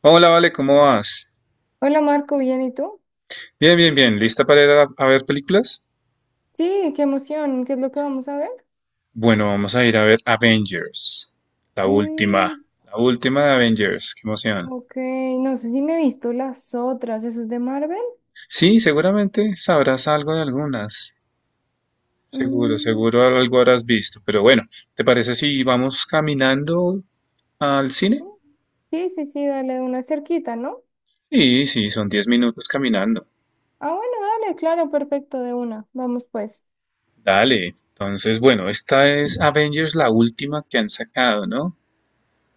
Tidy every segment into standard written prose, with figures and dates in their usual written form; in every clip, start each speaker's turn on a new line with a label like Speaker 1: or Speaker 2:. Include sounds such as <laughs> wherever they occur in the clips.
Speaker 1: Hola, Vale, ¿cómo vas?
Speaker 2: Hola Marco, ¿bien y tú?
Speaker 1: Bien, bien, bien. ¿Lista para ir a ver películas?
Speaker 2: Sí, qué emoción, ¿qué es lo que vamos a ver?
Speaker 1: Bueno, vamos a ir a ver Avengers. La última.
Speaker 2: Mm,
Speaker 1: La última de Avengers. Qué emoción.
Speaker 2: ok, no sé si me he visto las otras, ¿eso es de Marvel?
Speaker 1: Sí, seguramente sabrás algo de algunas. Seguro,
Speaker 2: Mm,
Speaker 1: seguro algo habrás visto. Pero bueno, ¿te parece si vamos caminando al cine?
Speaker 2: sí, sí, sí, dale de una cerquita, ¿no?
Speaker 1: Sí, sí, son 10 minutos caminando.
Speaker 2: Ah, bueno, dale, claro, perfecto, de una, vamos pues.
Speaker 1: Dale. Entonces, bueno, esta es Avengers, la última que han sacado, ¿no?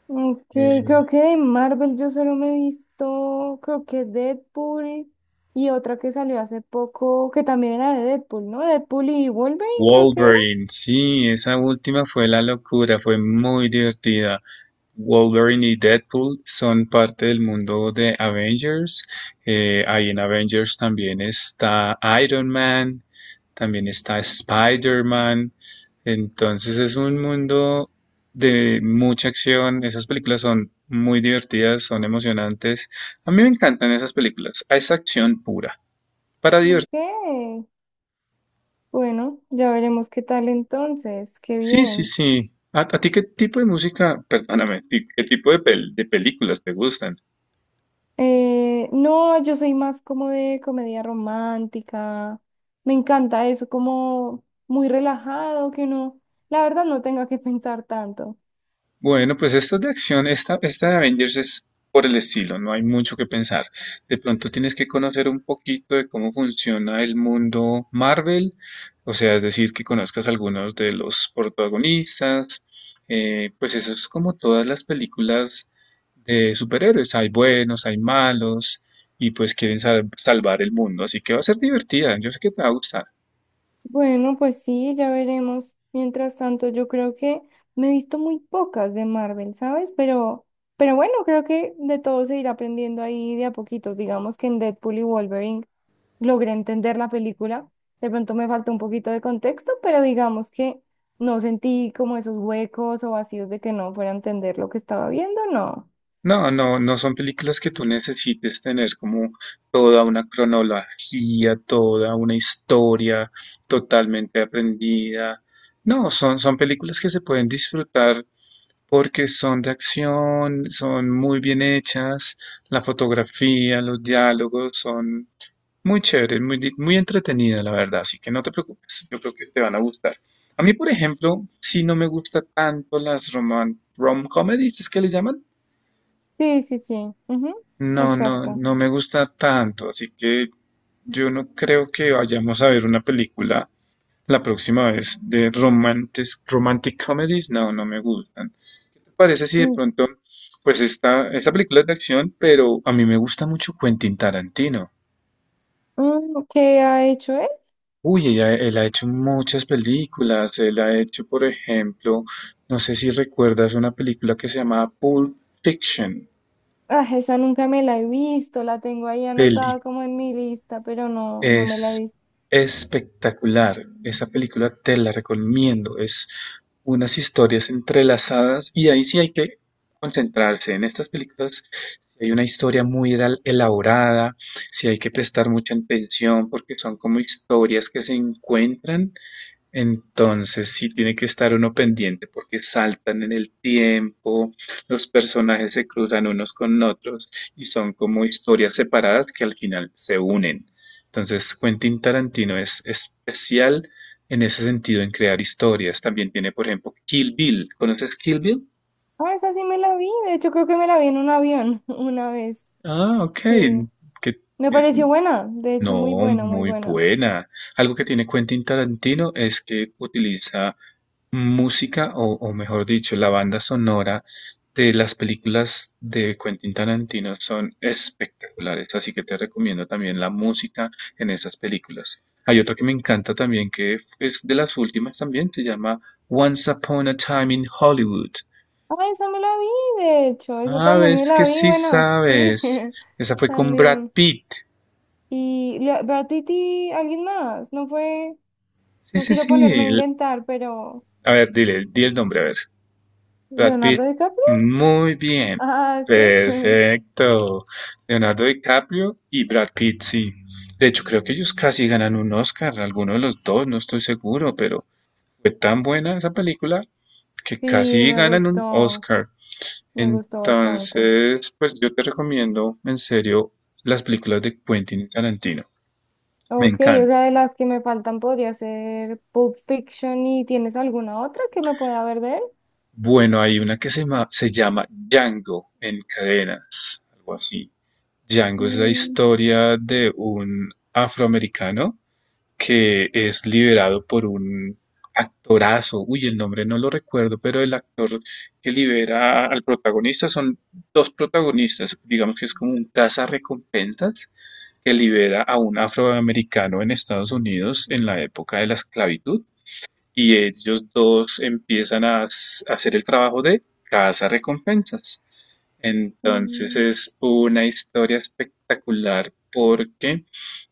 Speaker 2: Ok, creo
Speaker 1: Eh,
Speaker 2: que de Marvel yo solo me he visto, creo que Deadpool y otra que salió hace poco, que también era de Deadpool, ¿no? Deadpool y Wolverine creo que era.
Speaker 1: Wolverine, sí, esa última fue la locura, fue muy divertida. Wolverine y Deadpool son parte del mundo de Avengers. Ahí en Avengers también está Iron Man, también está Spider-Man. Entonces es un mundo de mucha acción. Esas películas son muy divertidas, son emocionantes. A mí me encantan esas películas. Es acción pura, para
Speaker 2: Ok.
Speaker 1: divertirse.
Speaker 2: Bueno, ya veremos qué tal entonces, qué
Speaker 1: Sí, sí,
Speaker 2: bien.
Speaker 1: sí. ¿A ti qué tipo de música, perdóname, qué tipo de, de películas te gustan?
Speaker 2: No, yo soy más como de comedia romántica, me encanta eso, como muy relajado, que uno, la verdad, no tenga que <laughs> pensar tanto.
Speaker 1: Bueno, pues esta es de acción, esta de Avengers es por el estilo, no hay mucho que pensar. De pronto tienes que conocer un poquito de cómo funciona el mundo Marvel, o sea, es decir, que conozcas algunos de los protagonistas, pues eso es como todas las películas de superhéroes, hay buenos, hay malos, y pues quieren salvar el mundo, así que va a ser divertida, yo sé que te va a gustar.
Speaker 2: Bueno, pues sí, ya veremos. Mientras tanto, yo creo que me he visto muy pocas de Marvel, ¿sabes? Pero bueno, creo que de todo se irá aprendiendo ahí de a poquitos. Digamos que en Deadpool y Wolverine logré entender la película. De pronto me faltó un poquito de contexto, pero digamos que no sentí como esos huecos o vacíos de que no fuera a entender lo que estaba viendo, no.
Speaker 1: No, no, no son películas que tú necesites tener como toda una cronología, toda una historia totalmente aprendida. No, son, son películas que se pueden disfrutar porque son de acción, son muy bien hechas, la fotografía, los diálogos son muy chéveres, muy, muy entretenidas, la verdad. Así que no te preocupes, yo creo que te van a gustar. A mí, por ejemplo, si no me gusta tanto las roman, rom-comedies, ¿es que le llaman?
Speaker 2: Sí, sí, sí. Ujú.
Speaker 1: No, no,
Speaker 2: Exacto.
Speaker 1: no me gusta tanto, así que yo no creo que vayamos a ver una película la próxima vez de romantic, romantic comedies. No, no me gustan. ¿Te parece si de
Speaker 2: Mm,
Speaker 1: pronto, pues esta película es de acción, pero a mí me gusta mucho Quentin Tarantino?
Speaker 2: mm, ¿qué ha hecho él?
Speaker 1: Uy, él ha hecho muchas películas. Él ha hecho, por ejemplo, no sé si recuerdas una película que se llamaba Pulp Fiction.
Speaker 2: Ah, esa nunca me la he visto, la tengo ahí anotada como en mi lista, pero no, no me la he
Speaker 1: Es
Speaker 2: visto.
Speaker 1: espectacular. Esa película te la recomiendo. Es unas historias entrelazadas y ahí sí hay que concentrarse. En estas películas sí hay una historia muy elaborada, sí hay que prestar mucha atención porque son como historias que se encuentran, entonces sí tiene que estar uno pendiente porque saltan en el tiempo, los personajes se cruzan unos con otros y son como historias separadas que al final se unen. Entonces Quentin Tarantino es especial en ese sentido en crear historias. También tiene, por ejemplo, Kill Bill. ¿Conoces Kill Bill?
Speaker 2: Ah, esa sí me la vi, de hecho creo que me la vi en un avión <laughs> una vez.
Speaker 1: Ah, ok.
Speaker 2: Sí,
Speaker 1: Que
Speaker 2: me
Speaker 1: es
Speaker 2: pareció buena, de hecho muy
Speaker 1: No,
Speaker 2: buena, muy
Speaker 1: muy
Speaker 2: buena.
Speaker 1: buena. Algo que tiene Quentin Tarantino es que utiliza música o mejor dicho, la banda sonora de las películas de Quentin Tarantino son espectaculares, así que te recomiendo también la música en esas películas. Hay otro que me encanta también, que es de las últimas también, se llama Once Upon a Time in Hollywood.
Speaker 2: Ah, esa me la vi, de hecho, esa
Speaker 1: Ah,
Speaker 2: también me
Speaker 1: ves que
Speaker 2: la vi,
Speaker 1: sí
Speaker 2: bueno, sí,
Speaker 1: sabes.
Speaker 2: <laughs>
Speaker 1: Esa fue con Brad
Speaker 2: también.
Speaker 1: Pitt.
Speaker 2: Y Brad Pitt y alguien más, no fue,
Speaker 1: Sí,
Speaker 2: no
Speaker 1: sí,
Speaker 2: quiero
Speaker 1: sí.
Speaker 2: ponerme a inventar, pero
Speaker 1: A ver, dile, di el nombre, a ver. Brad
Speaker 2: Leonardo
Speaker 1: Pitt,
Speaker 2: DiCaprio.
Speaker 1: muy bien,
Speaker 2: Ah, sí. <laughs>
Speaker 1: perfecto. Leonardo DiCaprio y Brad Pitt, sí. De hecho, creo que ellos casi ganan un Oscar, alguno de los dos, no estoy seguro, pero fue tan buena esa película que
Speaker 2: Sí,
Speaker 1: casi ganan un Oscar.
Speaker 2: me gustó bastante.
Speaker 1: Entonces, pues yo te recomiendo en serio las películas de Quentin Tarantino. Me
Speaker 2: Ok, o
Speaker 1: encanta.
Speaker 2: sea, de las que me faltan podría ser Pulp Fiction y ¿tienes alguna otra que me pueda ver de él?
Speaker 1: Bueno, hay una que se llama Django en cadenas, algo así. Django es la
Speaker 2: Mm.
Speaker 1: historia de un afroamericano que es liberado por un actorazo. Uy, el nombre no lo recuerdo, pero el actor que libera al protagonista son dos protagonistas. Digamos que es como un recompensas que libera a un afroamericano en Estados Unidos en la época de la esclavitud. Y ellos dos empiezan a hacer el trabajo de recompensas, entonces
Speaker 2: Mm.
Speaker 1: es una historia espectacular porque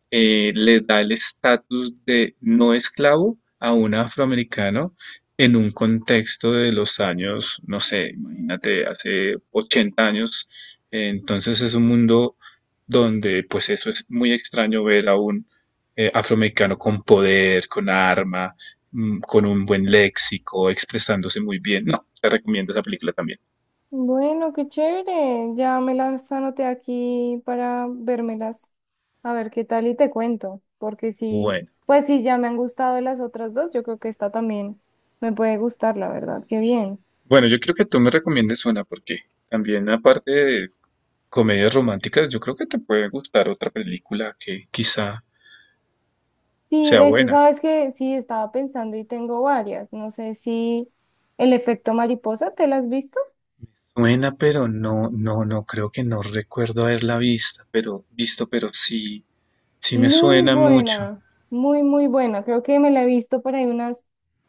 Speaker 1: le da el estatus de no esclavo a un afroamericano en un contexto de los años, no sé, imagínate, hace 80 años. Entonces es un mundo donde pues eso es muy extraño ver a un afroamericano con poder, con arma, mm, con un buen léxico, expresándose muy bien. No, te recomiendo esa película también.
Speaker 2: Bueno, qué chévere. Ya me las anoté aquí para vérmelas. A ver qué tal y te cuento. Porque sí,
Speaker 1: Bueno.
Speaker 2: pues sí, ya me han gustado las otras dos. Yo creo que esta también me puede gustar, la verdad. Qué bien.
Speaker 1: Bueno, yo creo que tú me recomiendes una porque también aparte de comedias románticas, yo creo que te puede gustar otra película que quizá
Speaker 2: Sí,
Speaker 1: sea
Speaker 2: de hecho,
Speaker 1: buena.
Speaker 2: sabes que sí, estaba pensando y tengo varias. No sé si El efecto mariposa, ¿te las has visto?
Speaker 1: Buena, pero no, no, no creo, que no recuerdo haberla vista, pero visto, pero sí, sí me
Speaker 2: Muy
Speaker 1: suena mucho.
Speaker 2: buena, muy, muy buena. Creo que me la he visto por ahí unas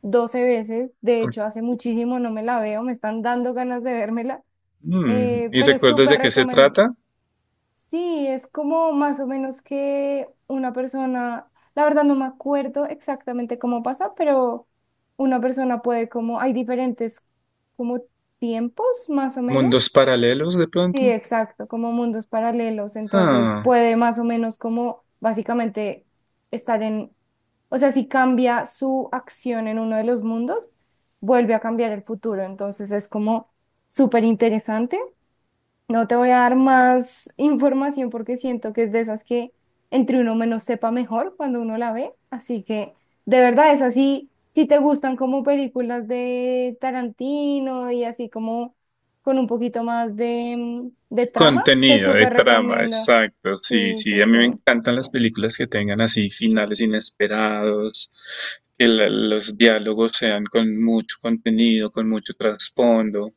Speaker 2: 12 veces. De
Speaker 1: Con-
Speaker 2: hecho, hace muchísimo no me la veo. Me están dando ganas de vérmela.
Speaker 1: mm, ¿y
Speaker 2: Pero
Speaker 1: recuerdas
Speaker 2: súper
Speaker 1: de qué se
Speaker 2: recomendable.
Speaker 1: trata?
Speaker 2: Sí, es como más o menos que una persona, la verdad no me acuerdo exactamente cómo pasa, pero una persona puede como, hay diferentes como tiempos más o menos.
Speaker 1: ¿Mundos paralelos de
Speaker 2: Sí,
Speaker 1: pronto?
Speaker 2: exacto, como mundos paralelos, entonces
Speaker 1: Ah.
Speaker 2: puede más o menos como básicamente estar en, o sea, si cambia su acción en uno de los mundos, vuelve a cambiar el futuro, entonces es como súper interesante. No te voy a dar más información porque siento que es de esas que entre uno menos sepa mejor cuando uno la ve. Así que de verdad es así. Si te gustan como películas de Tarantino y así como con un poquito más de, de trama, te
Speaker 1: Contenido de
Speaker 2: súper
Speaker 1: trama,
Speaker 2: recomiendo.
Speaker 1: exacto. Sí,
Speaker 2: Sí,
Speaker 1: sí,
Speaker 2: sí,
Speaker 1: a mí me
Speaker 2: sí.
Speaker 1: encantan las películas que tengan así finales inesperados, que los diálogos sean con mucho contenido, con mucho trasfondo.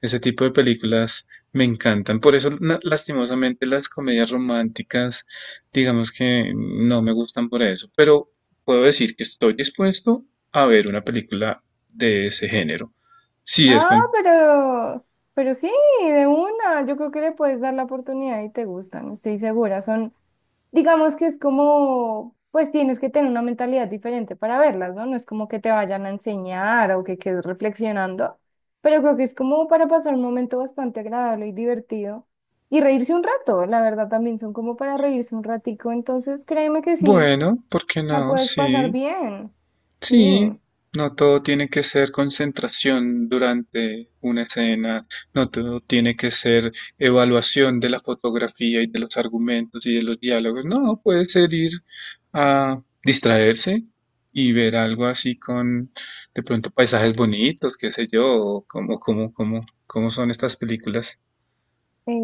Speaker 1: Ese tipo de películas me encantan. Por eso, lastimosamente, las comedias románticas, digamos que no me gustan por eso, pero puedo decir que estoy dispuesto a ver una película de ese género. Sí, es
Speaker 2: Ah,
Speaker 1: con...
Speaker 2: pero sí, de una. Yo creo que le puedes dar la oportunidad y te gustan. Estoy segura. Son, digamos que es como, pues tienes que tener una mentalidad diferente para verlas, ¿no? No es como que te vayan a enseñar o que quedes reflexionando, pero creo que es como para pasar un momento bastante agradable y divertido y reírse un rato, la verdad también son como para reírse un ratico, entonces créeme que sí,
Speaker 1: Bueno, ¿por qué
Speaker 2: la
Speaker 1: no?
Speaker 2: puedes pasar
Speaker 1: Sí.
Speaker 2: bien, sí.
Speaker 1: Sí, no todo tiene que ser concentración durante una escena, no todo tiene que ser evaluación de la fotografía y de los argumentos y de los diálogos, no, puede ser ir a distraerse y ver algo así con de pronto paisajes bonitos, qué sé yo, o cómo son estas películas.
Speaker 2: Eh,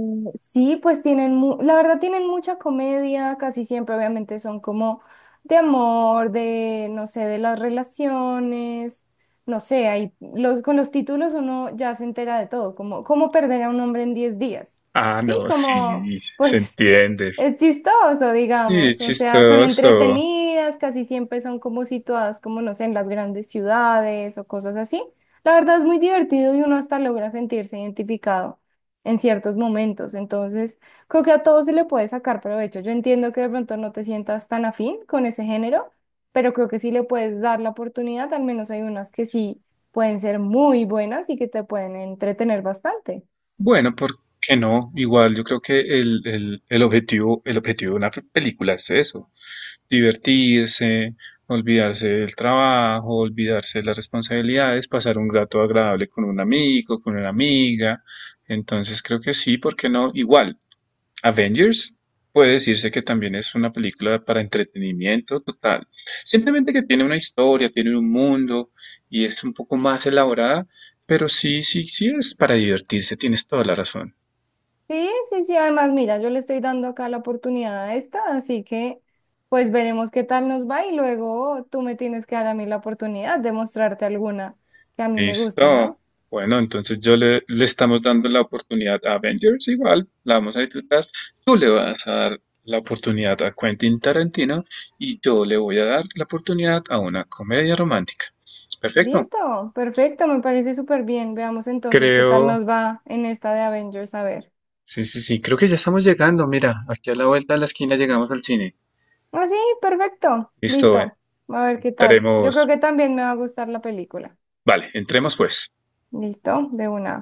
Speaker 2: sí, pues tienen, la verdad tienen mucha comedia, casi siempre obviamente son como de amor, de, no sé, de las relaciones, no sé, hay, los, con los títulos uno ya se entera de todo, como cómo perder a un hombre en 10 días,
Speaker 1: Ah,
Speaker 2: ¿sí?
Speaker 1: no,
Speaker 2: Como,
Speaker 1: sí, se
Speaker 2: pues
Speaker 1: entiende. Sí,
Speaker 2: es chistoso,
Speaker 1: es
Speaker 2: digamos, o sea, son
Speaker 1: chistoso.
Speaker 2: entretenidas, casi siempre son como situadas, como no sé, en las grandes ciudades o cosas así. La verdad es muy divertido y uno hasta logra sentirse identificado en ciertos momentos, entonces creo que a todos se le puede sacar provecho. Yo entiendo que de pronto no te sientas tan afín con ese género, pero creo que sí le puedes dar la oportunidad, al menos hay unas que sí pueden ser muy buenas y que te pueden entretener bastante.
Speaker 1: Bueno, ¿por qué no? Igual yo creo que el objetivo de una película es eso, divertirse, olvidarse del trabajo, olvidarse de las responsabilidades, pasar un rato agradable con un amigo, con una amiga. Entonces creo que sí, ¿por qué no? Igual, Avengers puede decirse que también es una película para entretenimiento total. Simplemente que tiene una historia, tiene un mundo y es un poco más elaborada, pero sí, sí, sí es para divertirse, tienes toda la razón.
Speaker 2: Sí, sí, sí, además, mira, yo le estoy dando acá la oportunidad a esta, así que pues veremos qué tal nos va y luego tú me tienes que dar a mí la oportunidad de mostrarte alguna que a mí me guste,
Speaker 1: Listo.
Speaker 2: ¿no?
Speaker 1: Bueno, entonces yo le estamos dando la oportunidad a Avengers, igual la vamos a disfrutar. Tú le vas a dar la oportunidad a Quentin Tarantino y yo le voy a dar la oportunidad a una comedia romántica. Perfecto.
Speaker 2: Listo, perfecto, me parece súper bien. Veamos entonces qué tal
Speaker 1: Creo,
Speaker 2: nos va en esta de Avengers, a ver.
Speaker 1: sí, sí, sí, creo que ya estamos llegando. Mira, aquí a la vuelta de la esquina llegamos al cine.
Speaker 2: Ah, sí, perfecto,
Speaker 1: Listo,
Speaker 2: listo, a ver qué tal. Yo
Speaker 1: entremos.
Speaker 2: creo que también me va a gustar la película.
Speaker 1: Vale, entremos pues.
Speaker 2: Listo, de una.